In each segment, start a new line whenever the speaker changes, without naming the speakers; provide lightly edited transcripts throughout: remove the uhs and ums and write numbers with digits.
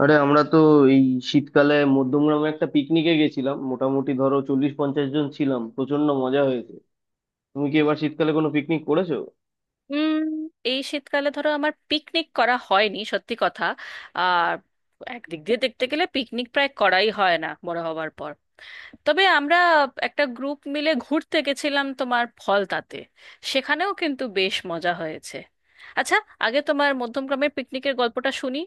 আরে আমরা তো এই শীতকালে মধ্যমগ্রামে একটা পিকনিকে গেছিলাম। মোটামুটি ধরো 40-50 জন ছিলাম, প্রচন্ড মজা হয়েছে। তুমি কি এবার শীতকালে কোনো পিকনিক করেছো?
উম এই শীতকালে ধরো আমার পিকনিক করা হয়নি, সত্যি কথা। আর একদিক দিয়ে দেখতে গেলে পিকনিক প্রায় করাই হয় না বড় হবার পর। তবে আমরা একটা গ্রুপ মিলে ঘুরতে গেছিলাম তোমার ফলতাতে। সেখানেও কিন্তু বেশ মজা হয়েছে। আচ্ছা, আগে তোমার মধ্যমগ্রামের পিকনিকের গল্পটা শুনি।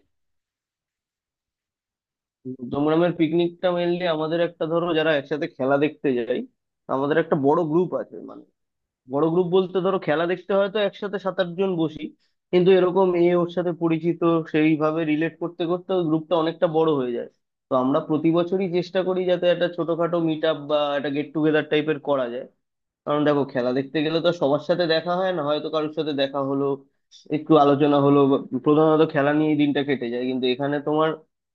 মধ্যমগ্রামের পিকনিকটা মেনলি আমাদের একটা, ধরো, যারা একসাথে খেলা দেখতে যাই। আমাদের একটা বড় গ্রুপ আছে, মানে বড় গ্রুপ বলতে ধরো খেলা দেখতে হয়তো একসাথে সাত আট জন বসি, কিন্তু এরকম এ ওর সাথে পরিচিত, সেইভাবে রিলেট করতে করতে ওই গ্রুপটা অনেকটা বড় হয়ে যায়। তো আমরা প্রতি বছরই চেষ্টা করি যাতে একটা ছোটখাটো মিট আপ বা একটা গেট টুগেদার টাইপের করা যায়। কারণ দেখো, খেলা দেখতে গেলে তো সবার সাথে দেখা হয় না, হয়তো কারোর সাথে দেখা হলো, একটু আলোচনা হলো, প্রধানত খেলা নিয়েই দিনটা কেটে যায়। কিন্তু এখানে তোমার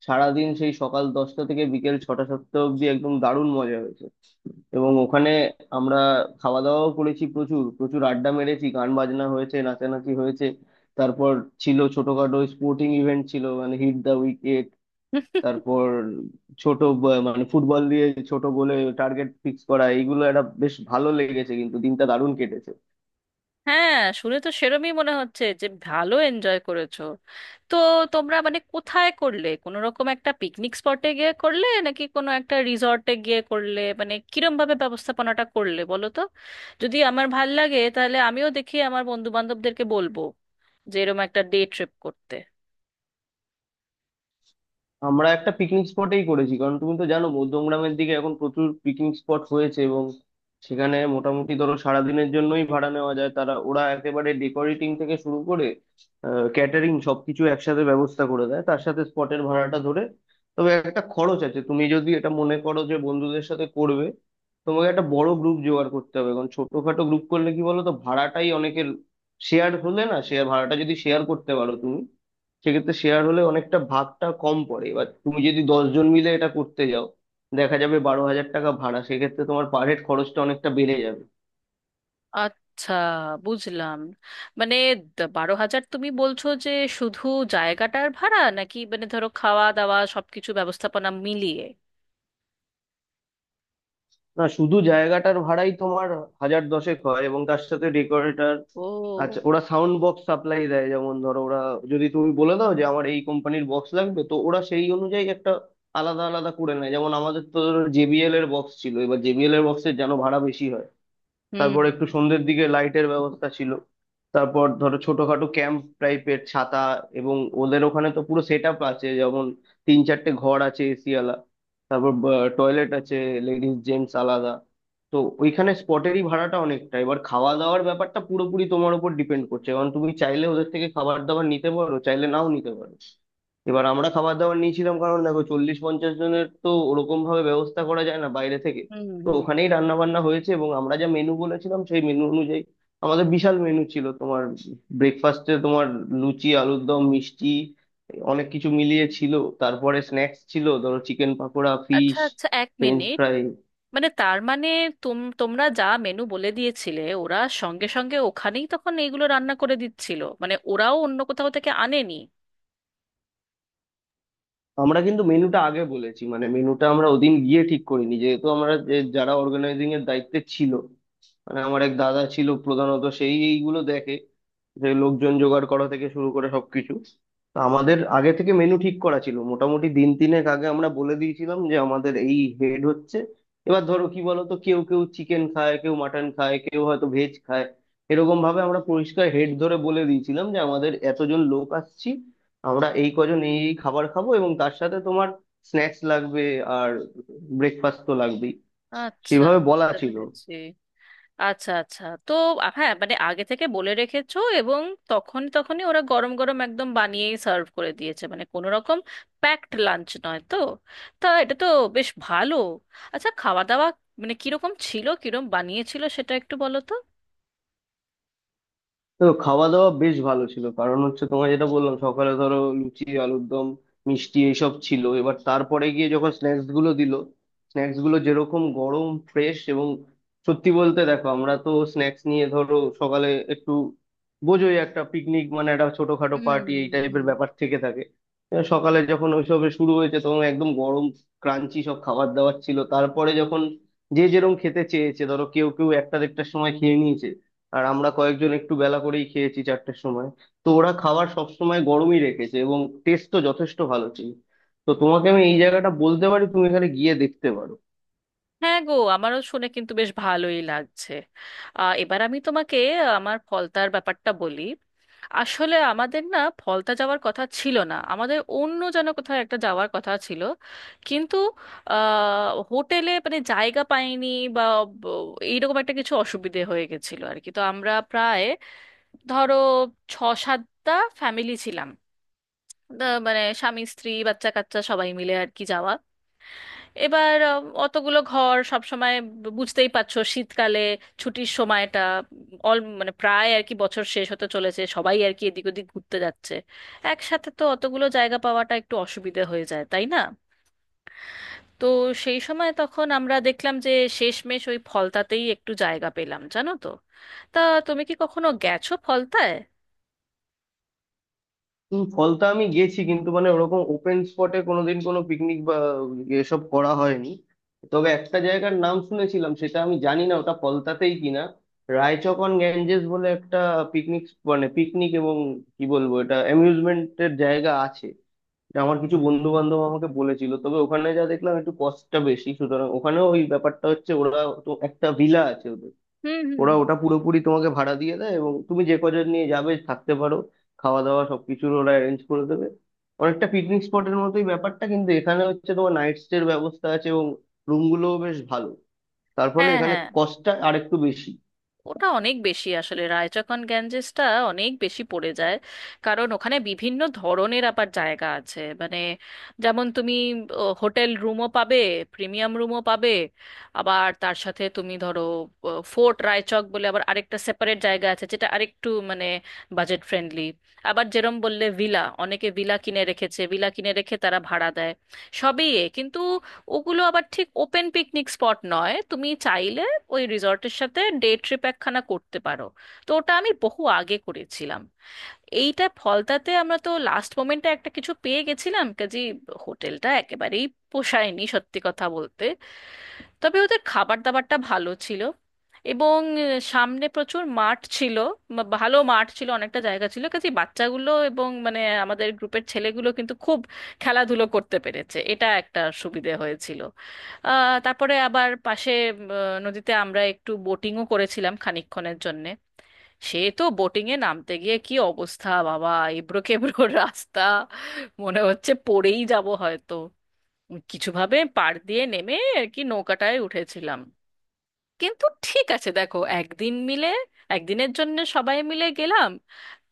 সারাদিন, সেই সকাল 10টা থেকে বিকেল 6-7টা অব্দি, একদম দারুণ মজা হয়েছে। এবং ওখানে আমরা খাওয়া দাওয়াও করেছি, প্রচুর প্রচুর আড্ডা মেরেছি, গান বাজনা হয়েছে, নাচানাচি হয়েছে। তারপর ছিল ছোটখাটো স্পোর্টিং ইভেন্ট, ছিল মানে হিট দা উইকেট। তারপর মানে ফুটবল দিয়ে ছোট গোলে টার্গেট ফিক্স করা, এইগুলো একটা বেশ ভালো লেগেছে, কিন্তু দিনটা দারুণ কেটেছে।
হ্যাঁ, শুনে তো সেরমই মনে হচ্ছে যে ভালো এনজয় করেছো। তো তোমরা মানে কোথায় করলে? কোনো রকম একটা পিকনিক স্পটে গিয়ে করলে নাকি কোনো একটা রিসর্টে গিয়ে করলে? মানে কিরম ভাবে ব্যবস্থাপনাটা করলে বলো তো। যদি আমার ভাল লাগে তাহলে আমিও দেখি আমার বন্ধু বান্ধবদেরকে বলবো যে এরম একটা ডে ট্রিপ করতে।
আমরা একটা পিকনিক স্পটেই করেছি, কারণ তুমি তো জানো মধ্যমগ্রামের দিকে এখন প্রচুর পিকনিক স্পট হয়েছে, এবং সেখানে মোটামুটি ধরো সারাদিনের জন্যই ভাড়া নেওয়া যায়। তারা, ওরা একেবারে ডেকোরেটিং থেকে শুরু করে ক্যাটারিং সবকিছু একসাথে ব্যবস্থা করে দেয়, তার সাথে স্পটের ভাড়াটা ধরে। তবে একটা খরচ আছে। তুমি যদি এটা মনে করো যে বন্ধুদের সাথে করবে, তোমাকে একটা বড় গ্রুপ জোগাড় করতে হবে, কারণ ছোটখাটো গ্রুপ করলে কি বলো তো, ভাড়াটাই অনেকের শেয়ার হলে, না, শেয়ার ভাড়াটা যদি শেয়ার করতে পারো তুমি সেক্ষেত্রে, শেয়ার হলে অনেকটা ভাগটা কম পড়ে। এবার তুমি যদি 10 জন মিলে এটা করতে যাও, দেখা যাবে 12,000 টাকা ভাড়া, সেক্ষেত্রে তোমার পার হেড খরচটা অনেকটা বেড়ে যাবে।
আচ্ছা, বুঝলাম। মানে 12,000 তুমি বলছো যে শুধু জায়গাটার ভাড়া, নাকি মানে ধরো খাওয়া দাওয়া সবকিছু ব্যবস্থাপনা মিলিয়ে?
না, শুধু জায়গাটার ভাড়াই তোমার হাজার দশেক হয়, এবং তার সাথে ডেকোরেটর। আচ্ছা,
ও।
ওরা সাউন্ড বক্স সাপ্লাই দেয়। যেমন ধরো, ওরা, যদি তুমি বলে দাও যে আমার এই কোম্পানির বক্স লাগবে, তো ওরা সেই অনুযায়ী একটা আলাদা আলাদা করে নেয়। যেমন আমাদের তো জেবিএল এর বক্স ছিল, এবার জেবিএল এর বক্সের যেন ভাড়া বেশি হয়।
হুম
তারপর একটু সন্ধ্যের দিকে লাইটের ব্যবস্থা ছিল। তারপর ধরো ছোটখাটো ক্যাম্প টাইপের ছাতা। এবং ওদের ওখানে তো পুরো সেট আপ আছে, যেমন তিন চারটে ঘর আছে এসিওয়ালা, তারপর টয়লেট আছে, লেডিস জেন্টস আলাদা। তো ওইখানে স্পটেরই ভাড়াটা অনেকটা। এবার খাওয়া দাওয়ার ব্যাপারটা পুরোপুরি তোমার উপর ডিপেন্ড করছে, কারণ তুমি চাইলে ওদের থেকে খাবার দাবার নিতে পারো, চাইলে নাও নিতে পারো। এবার আমরা খাবার দাবার নিয়েছিলাম, কারণ দেখো 40-50 জনের তো ওরকম ভাবে ব্যবস্থা করা যায় না বাইরে থেকে।
হুম
তো
হুম।
ওখানেই রান্না বান্না হয়েছে, এবং আমরা যা মেনু বলেছিলাম সেই মেনু অনুযায়ী। আমাদের বিশাল মেনু ছিল। তোমার ব্রেকফাস্টে তোমার লুচি, আলুর দম, মিষ্টি, অনেক কিছু মিলিয়ে ছিল। তারপরে স্ন্যাক্স ছিল, ধরো চিকেন পাকোড়া,
আচ্ছা
ফিশ
আচ্ছা, এক
ফ্রেঞ্চ
মিনিট।
ফ্রাই।
মানে তার মানে তোমরা যা মেনু বলে দিয়েছিলে ওরা সঙ্গে সঙ্গে ওখানেই তখন এইগুলো রান্না করে দিচ্ছিল? মানে ওরাও অন্য কোথাও থেকে আনেনি?
আমরা কিন্তু মেনুটা আগে বলেছি, মানে মেনুটা আমরা ওদিন গিয়ে ঠিক করিনি। যেহেতু আমরা, যে, যারা অর্গানাইজিং এর দায়িত্বে ছিল, মানে আমার এক দাদা ছিল, প্রধানত সেই এইগুলো দেখে, যে লোকজন জোগাড় করা থেকে শুরু করে সবকিছু। তো আমাদের আগে থেকে মেনু ঠিক করা ছিল। মোটামুটি দিন তিনেক আগে আমরা বলে দিয়েছিলাম যে আমাদের এই হেড হচ্ছে। এবার ধরো কি বলতো, কেউ কেউ চিকেন খায়, কেউ মাটন খায়, কেউ হয়তো ভেজ খায়। এরকম ভাবে আমরা পরিষ্কার হেড ধরে বলে দিয়েছিলাম যে আমাদের এতজন লোক আসছি, আমরা এই কজন এই এই খাবার খাবো, এবং তার সাথে তোমার স্ন্যাক্স লাগবে, আর ব্রেকফাস্ট তো লাগবেই।
আচ্ছা,
সেভাবে বলা
বুঝতে
ছিল।
পেরেছি। আচ্ছা আচ্ছা, তো হ্যাঁ, মানে আগে থেকে বলে রেখেছো, এবং তখন তখনই ওরা গরম গরম একদম বানিয়েই সার্ভ করে দিয়েছে, মানে কোনো রকম প্যাকড লাঞ্চ নয় তো। তা এটা তো বেশ ভালো। আচ্ছা, খাওয়া দাওয়া মানে কিরকম ছিল, কিরকম বানিয়েছিল সেটা একটু বলো তো।
তো খাওয়া দাওয়া বেশ ভালো ছিল, কারণ হচ্ছে তোমার, যেটা বললাম, সকালে ধরো লুচি, আলুর দম, মিষ্টি এইসব ছিল। এবার তারপরে গিয়ে যখন স্ন্যাক্স গুলো দিল, স্ন্যাক্স গুলো যেরকম গরম, ফ্রেশ, এবং সত্যি বলতে, দেখো আমরা তো স্ন্যাক্স নিয়ে ধরো সকালে একটু, বোঝোই, একটা পিকনিক মানে একটা ছোটখাটো
হুম
পার্টি এই টাইপের
হুম।
ব্যাপার থেকে থাকে। এবার সকালে যখন ওইসব শুরু হয়েছে, তখন একদম গরম, ক্রাঞ্চি সব খাবার দাবার ছিল। তারপরে যখন যে যেরকম খেতে চেয়েছে, ধরো কেউ কেউ একটা দেড়টার সময় খেয়ে নিয়েছে, আর আমরা কয়েকজন একটু বেলা করেই খেয়েছি 4টের সময়। তো ওরা খাবার সব সময় গরমই রেখেছে, এবং টেস্টও যথেষ্ট ভালো ছিল। তো তোমাকে আমি এই জায়গাটা বলতে পারি, তুমি এখানে গিয়ে দেখতে পারো।
হ্যাঁ গো, আমারও শুনে কিন্তু বেশ ভালোই লাগছে। এবার আমি তোমাকে আমার ফলতার ব্যাপারটা বলি। আসলে আমাদের না ফলতা যাওয়ার কথা ছিল না, আমাদের অন্য যেন কোথাও একটা যাওয়ার কথা ছিল, কিন্তু হোটেলে মানে জায়গা পাইনি বা ব- এইরকম একটা কিছু অসুবিধে হয়ে গেছিল আর কি। তো আমরা প্রায় ধরো 6-7টা ফ্যামিলি ছিলাম। মানে স্বামী স্ত্রী বাচ্চা কাচ্চা সবাই মিলে আর কি যাওয়া। এবার অতগুলো ঘর সব সময়, বুঝতেই পারছো, শীতকালে ছুটির সময়টা অল মানে প্রায় আর কি বছর শেষ হতে চলেছে, সবাই আর কি এদিক ওদিক ঘুরতে যাচ্ছে, একসাথে তো অতগুলো জায়গা পাওয়াটা একটু অসুবিধে হয়ে যায়, তাই না? তো সেই সময় তখন আমরা দেখলাম যে শেষমেশ ওই ফলতাতেই একটু জায়গা পেলাম, জানো তো। তা তুমি কি কখনো গেছো ফলতায়?
ফলতা আমি গেছি, কিন্তু মানে ওরকম ওপেন স্পটে কোনোদিন কোনো পিকনিক বা এসব করা হয়নি। তবে একটা জায়গার নাম শুনেছিলাম, সেটা আমি জানি না ওটা ফলতাতেই কিনা। রায়চক অন গ্যাঞ্জেস বলে একটা পিকনিক, মানে পিকনিক এবং, কি বলবো, এটা অ্যামিউজমেন্টের জায়গা আছে। আমার কিছু বন্ধু বান্ধব আমাকে বলেছিল, তবে ওখানে যা দেখলাম একটু কস্টটা বেশি। সুতরাং ওখানেও ওই ব্যাপারটা হচ্ছে, ওরা, তো একটা ভিলা আছে ওদের,
হুম হুম।
ওরা ওটা পুরোপুরি তোমাকে ভাড়া দিয়ে দেয়, এবং তুমি যে কজন নিয়ে যাবে থাকতে পারো, খাওয়া দাওয়া সবকিছুর ওরা অ্যারেঞ্জ করে দেবে। অনেকটা পিকনিক স্পটের মতোই ব্যাপারটা, কিন্তু এখানে হচ্ছে তোমার নাইট স্টের ব্যবস্থা আছে, এবং রুমগুলোও বেশ ভালো, তার ফলে
হ্যাঁ
এখানে
হ্যাঁ,
কস্টটা আরেকটু বেশি।
ওটা অনেক বেশি। আসলে রায়চকন গ্যাঞ্জেসটা অনেক বেশি পড়ে যায়, কারণ ওখানে বিভিন্ন ধরনের আবার জায়গা আছে। মানে যেমন তুমি হোটেল রুমও পাবে, প্রিমিয়াম রুমও পাবে, আবার তার সাথে তুমি ধরো ফোর্ট রায়চক বলে আবার আরেকটা সেপারেট জায়গা আছে, যেটা আরেকটু মানে বাজেট ফ্রেন্ডলি। আবার যেরম বললে ভিলা, অনেকে ভিলা কিনে রেখেছে, ভিলা কিনে রেখে তারা ভাড়া দেয়। সবই এ, কিন্তু ওগুলো আবার ঠিক ওপেন পিকনিক স্পট নয়। তুমি চাইলে ওই রিসর্টের সাথে ডে ট্রিপ একখানা করতে পারো। তো ওটা আমি বহু আগে করেছিলাম। এইটা ফলতাতে আমরা তো লাস্ট মোমেন্টে একটা কিছু পেয়ে গেছিলাম, কাজে হোটেলটা একেবারেই পোষায়নি, সত্যি কথা বলতে। তবে ওদের খাবার দাবারটা ভালো ছিল, এবং সামনে প্রচুর মাঠ ছিল। ভালো মাঠ ছিল, অনেকটা জায়গা ছিল, কাজে বাচ্চাগুলো এবং মানে আমাদের গ্রুপের ছেলেগুলো কিন্তু খুব খেলাধুলো করতে পেরেছে, এটা একটা সুবিধে হয়েছিল। তারপরে আবার পাশে নদীতে আমরা একটু বোটিংও করেছিলাম খানিকক্ষণের জন্যে। সে তো বোটিংয়ে নামতে গিয়ে কি অবস্থা বাবা, এবড়ো খেবড়ো রাস্তা, মনে হচ্ছে পড়েই যাব হয়তো। কিছুভাবে পাড় দিয়ে নেমে আর কি নৌকাটায় উঠেছিলাম। কিন্তু ঠিক আছে, দেখো একদিন মিলে, একদিনের জন্য সবাই মিলে গেলাম,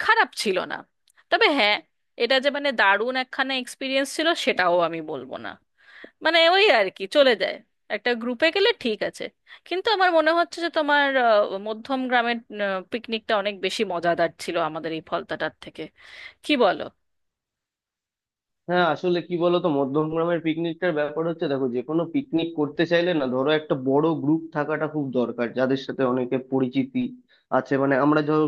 খারাপ ছিল না। তবে হ্যাঁ, এটা যে মানে দারুণ একখানা এক্সপিরিয়েন্স ছিল সেটাও আমি বলবো না। মানে ওই আর কি চলে যায়, একটা গ্রুপে গেলে ঠিক আছে। কিন্তু আমার মনে হচ্ছে যে তোমার মধ্যম গ্রামের পিকনিকটা অনেক বেশি মজাদার ছিল আমাদের এই ফলতাটার থেকে, কি বলো?
হ্যাঁ, আসলে কি বলতো, মধ্যমগ্রামের পিকনিকটার ব্যাপার হচ্ছে, দেখো যে কোনো পিকনিক করতে চাইলে না, ধরো একটা বড় গ্রুপ থাকাটা খুব দরকার, যাদের সাথে অনেকে পরিচিতি আছে। মানে আমরা ধরো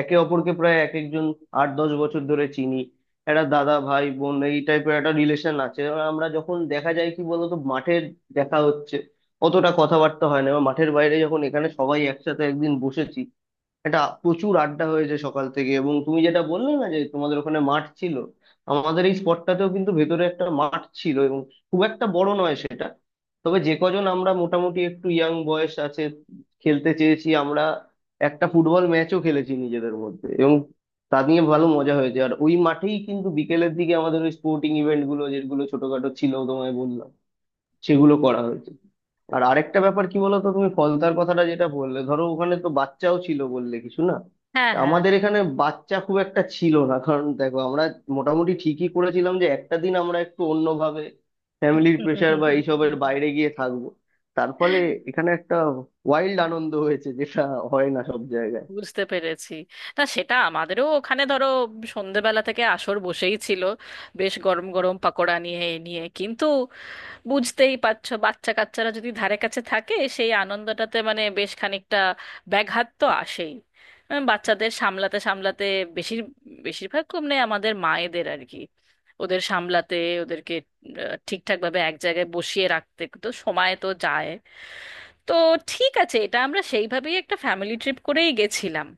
একে অপরকে প্রায়, এক একজন 8-10 বছর ধরে চিনি, একটা দাদা, ভাই, বোন, এই টাইপের একটা রিলেশন আছে। এবার আমরা যখন দেখা যায় কি বলতো, মাঠের দেখা হচ্ছে, অতটা কথাবার্তা হয় না। এবার মাঠের বাইরে যখন এখানে সবাই একসাথে একদিন বসেছি, এটা প্রচুর আড্ডা হয়েছে সকাল থেকে। এবং তুমি যেটা বললে না, যে তোমাদের ওখানে মাঠ ছিল, আমাদের এই স্পটটাতেও কিন্তু ভেতরে একটা মাঠ ছিল, এবং খুব একটা বড় নয় সেটা। তবে যে কজন আমরা মোটামুটি একটু ইয়াং বয়স আছে, খেলতে চেয়েছি আমরা, একটা ফুটবল ম্যাচও খেলেছি নিজেদের মধ্যে, এবং তা নিয়ে ভালো মজা হয়েছে। আর ওই মাঠেই কিন্তু বিকেলের দিকে আমাদের ওই স্পোর্টিং ইভেন্ট গুলো, যেগুলো ছোটখাটো ছিল তোমায় বললাম, সেগুলো করা হয়েছে। আর আরেকটা ব্যাপার কি বলতো, তুমি ফলতার কথাটা যেটা বললে, ধরো ওখানে তো বাচ্চাও ছিল বললে কিছু, না,
হ্যাঁ হ্যাঁ।
আমাদের এখানে বাচ্চা খুব একটা ছিল না। কারণ দেখো, আমরা মোটামুটি ঠিকই করেছিলাম যে একটা দিন আমরা একটু অন্যভাবে, ফ্যামিলির প্রেশার বা এইসবের বাইরে গিয়ে থাকবো। তার ফলে এখানে একটা ওয়াইল্ড আনন্দ হয়েছে, যেটা হয় না সব জায়গায়।
বুঝতে পেরেছি। না, সেটা আমাদেরও ওখানে ধরো সন্ধেবেলা থেকে আসর বসেই ছিল, বেশ গরম গরম পাকোড়া নিয়ে এ নিয়ে। কিন্তু বুঝতেই পারছো, বাচ্চা কাচ্চারা যদি ধারে কাছে থাকে সেই আনন্দটাতে মানে বেশ খানিকটা ব্যাঘাত তো আসেই। বাচ্চাদের সামলাতে সামলাতে বেশির বেশিরভাগ কমনে আমাদের মায়েদের আর কি, ওদের সামলাতে, ওদেরকে ঠিকঠাক ভাবে এক জায়গায় বসিয়ে রাখতে তো সময় তো যায়। তো ঠিক আছে, এটা আমরা সেইভাবেই একটা ফ্যামিলি ট্রিপ করেই গেছিলাম।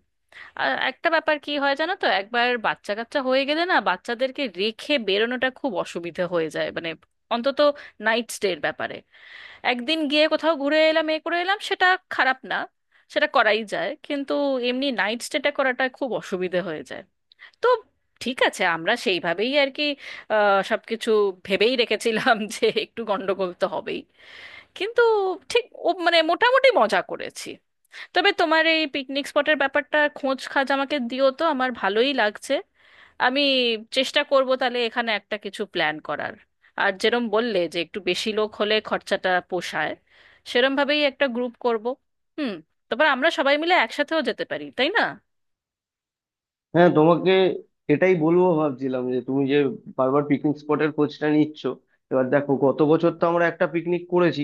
আর একটা ব্যাপার কি হয় জানো তো, একবার বাচ্চা কাচ্চা হয়ে গেলে না, বাচ্চাদেরকে রেখে বেরোনোটা খুব অসুবিধা হয়ে যায়, মানে অন্তত নাইট স্টের ব্যাপারে। একদিন গিয়ে কোথাও ঘুরে এলাম এ করে এলাম, সেটা খারাপ না, সেটা করাই যায়, কিন্তু এমনি নাইট স্টেটা করাটা খুব অসুবিধা হয়ে যায়। তো ঠিক আছে, আমরা সেইভাবেই আর কি সবকিছু ভেবেই রেখেছিলাম যে একটু গন্ডগোল তো হবেই, কিন্তু ঠিক ও মানে মোটামুটি মজা করেছি। তবে তোমার এই পিকনিক স্পটের ব্যাপারটা খোঁজ খাজ আমাকে দিও তো, আমার ভালোই লাগছে। আমি চেষ্টা করব তাহলে এখানে একটা কিছু প্ল্যান করার। আর যেরম বললে যে একটু বেশি লোক হলে খরচাটা পোষায়, সেরম ভাবেই একটা গ্রুপ করব। হুম। তারপর আমরা সবাই মিলে একসাথেও যেতে পারি, তাই না?
হ্যাঁ, তোমাকে এটাই বলবো, ভাবছিলাম যে তুমি যে বারবার পিকনিক স্পটের খোঁজটা নিচ্ছ, এবার দেখো গত বছর তো আমরা একটা পিকনিক করেছি,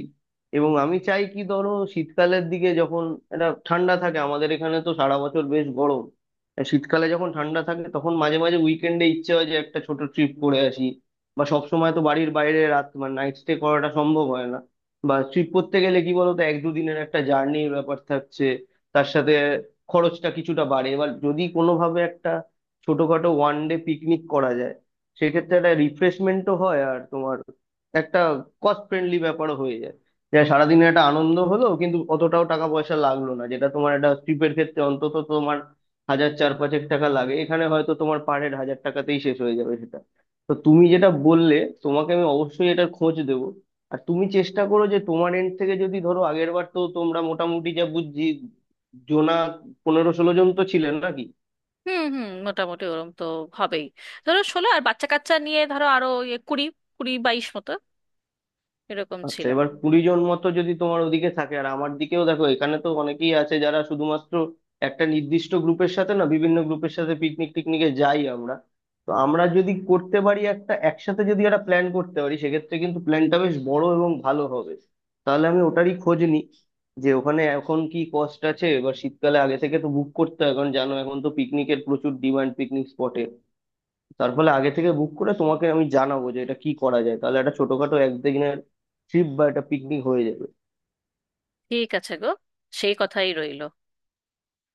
এবং আমি চাই কি, ধরো শীতকালের দিকে যখন এটা ঠান্ডা থাকে, আমাদের এখানে তো সারা বছর বেশ গরম, আর শীতকালে যখন ঠান্ডা থাকে, তখন মাঝে মাঝে উইকেন্ডে ইচ্ছে হয় যে একটা ছোট ট্রিপ করে আসি। বা সব সময় তো বাড়ির বাইরে রাত, মানে নাইট স্টে করাটা সম্ভব হয় না, বা ট্রিপ করতে গেলে কি বলতো এক দুদিনের একটা জার্নির ব্যাপার থাকছে, তার সাথে খরচটা কিছুটা বাড়ে। এবার যদি কোনোভাবে একটা ছোটখাটো ওয়ান ডে পিকনিক করা যায়, সেক্ষেত্রে একটা রিফ্রেশমেন্টও হয়, আর তোমার একটা কস্ট ফ্রেন্ডলি ব্যাপারও হয়ে যায়। যে সারাদিনের একটা আনন্দ হলো, কিন্তু অতটাও টাকা পয়সা লাগলো না, যেটা তোমার একটা ট্রিপের ক্ষেত্রে অন্তত তোমার হাজার চার পাঁচেক টাকা লাগে, এখানে হয়তো তোমার পার হেড হাজার টাকাতেই শেষ হয়ে যাবে সেটা। তো তুমি যেটা বললে, তোমাকে আমি অবশ্যই এটার খোঁজ দেবো। আর তুমি চেষ্টা করো যে তোমার এন্ড থেকে, যদি ধরো আগের বার তো তোমরা মোটামুটি, যা বুঝছি, জোনা 15-16 জন তো ছিলেন নাকি?
হুম হুম, মোটামুটি ওরম তো হবেই। ধরো 16, আর বাচ্চা কাচ্চা নিয়ে ধরো আরো ইয়ে 20, 20-22 মতো, এরকম
আচ্ছা,
ছিল।
এবার 20 জন মতো যদি তোমার ওদিকে থাকে, আর আমার দিকেও দেখো এখানে তো অনেকেই আছে, যারা শুধুমাত্র একটা নির্দিষ্ট গ্রুপের সাথে না, বিভিন্ন গ্রুপের সাথে পিকনিক টিকনিকে যাই আমরা। তো আমরা যদি করতে পারি, একটা, একসাথে যদি একটা প্ল্যান করতে পারি, সেক্ষেত্রে কিন্তু প্ল্যানটা বেশ বড় এবং ভালো হবে। তাহলে আমি ওটারই খোঁজ নিই, যে ওখানে এখন কি কস্ট আছে। এবার শীতকালে আগে থেকে তো বুক করতে হয়, কারণ জানো এখন তো পিকনিকের প্রচুর ডিমান্ড পিকনিক স্পটে। তার ফলে আগে থেকে বুক করে তোমাকে আমি জানাবো যে এটা কি করা যায়, তাহলে একটা ছোটখাটো একদিনের ট্রিপ বা একটা পিকনিক হয়ে যাবে।
ঠিক আছে গো, সেই কথাই রইল।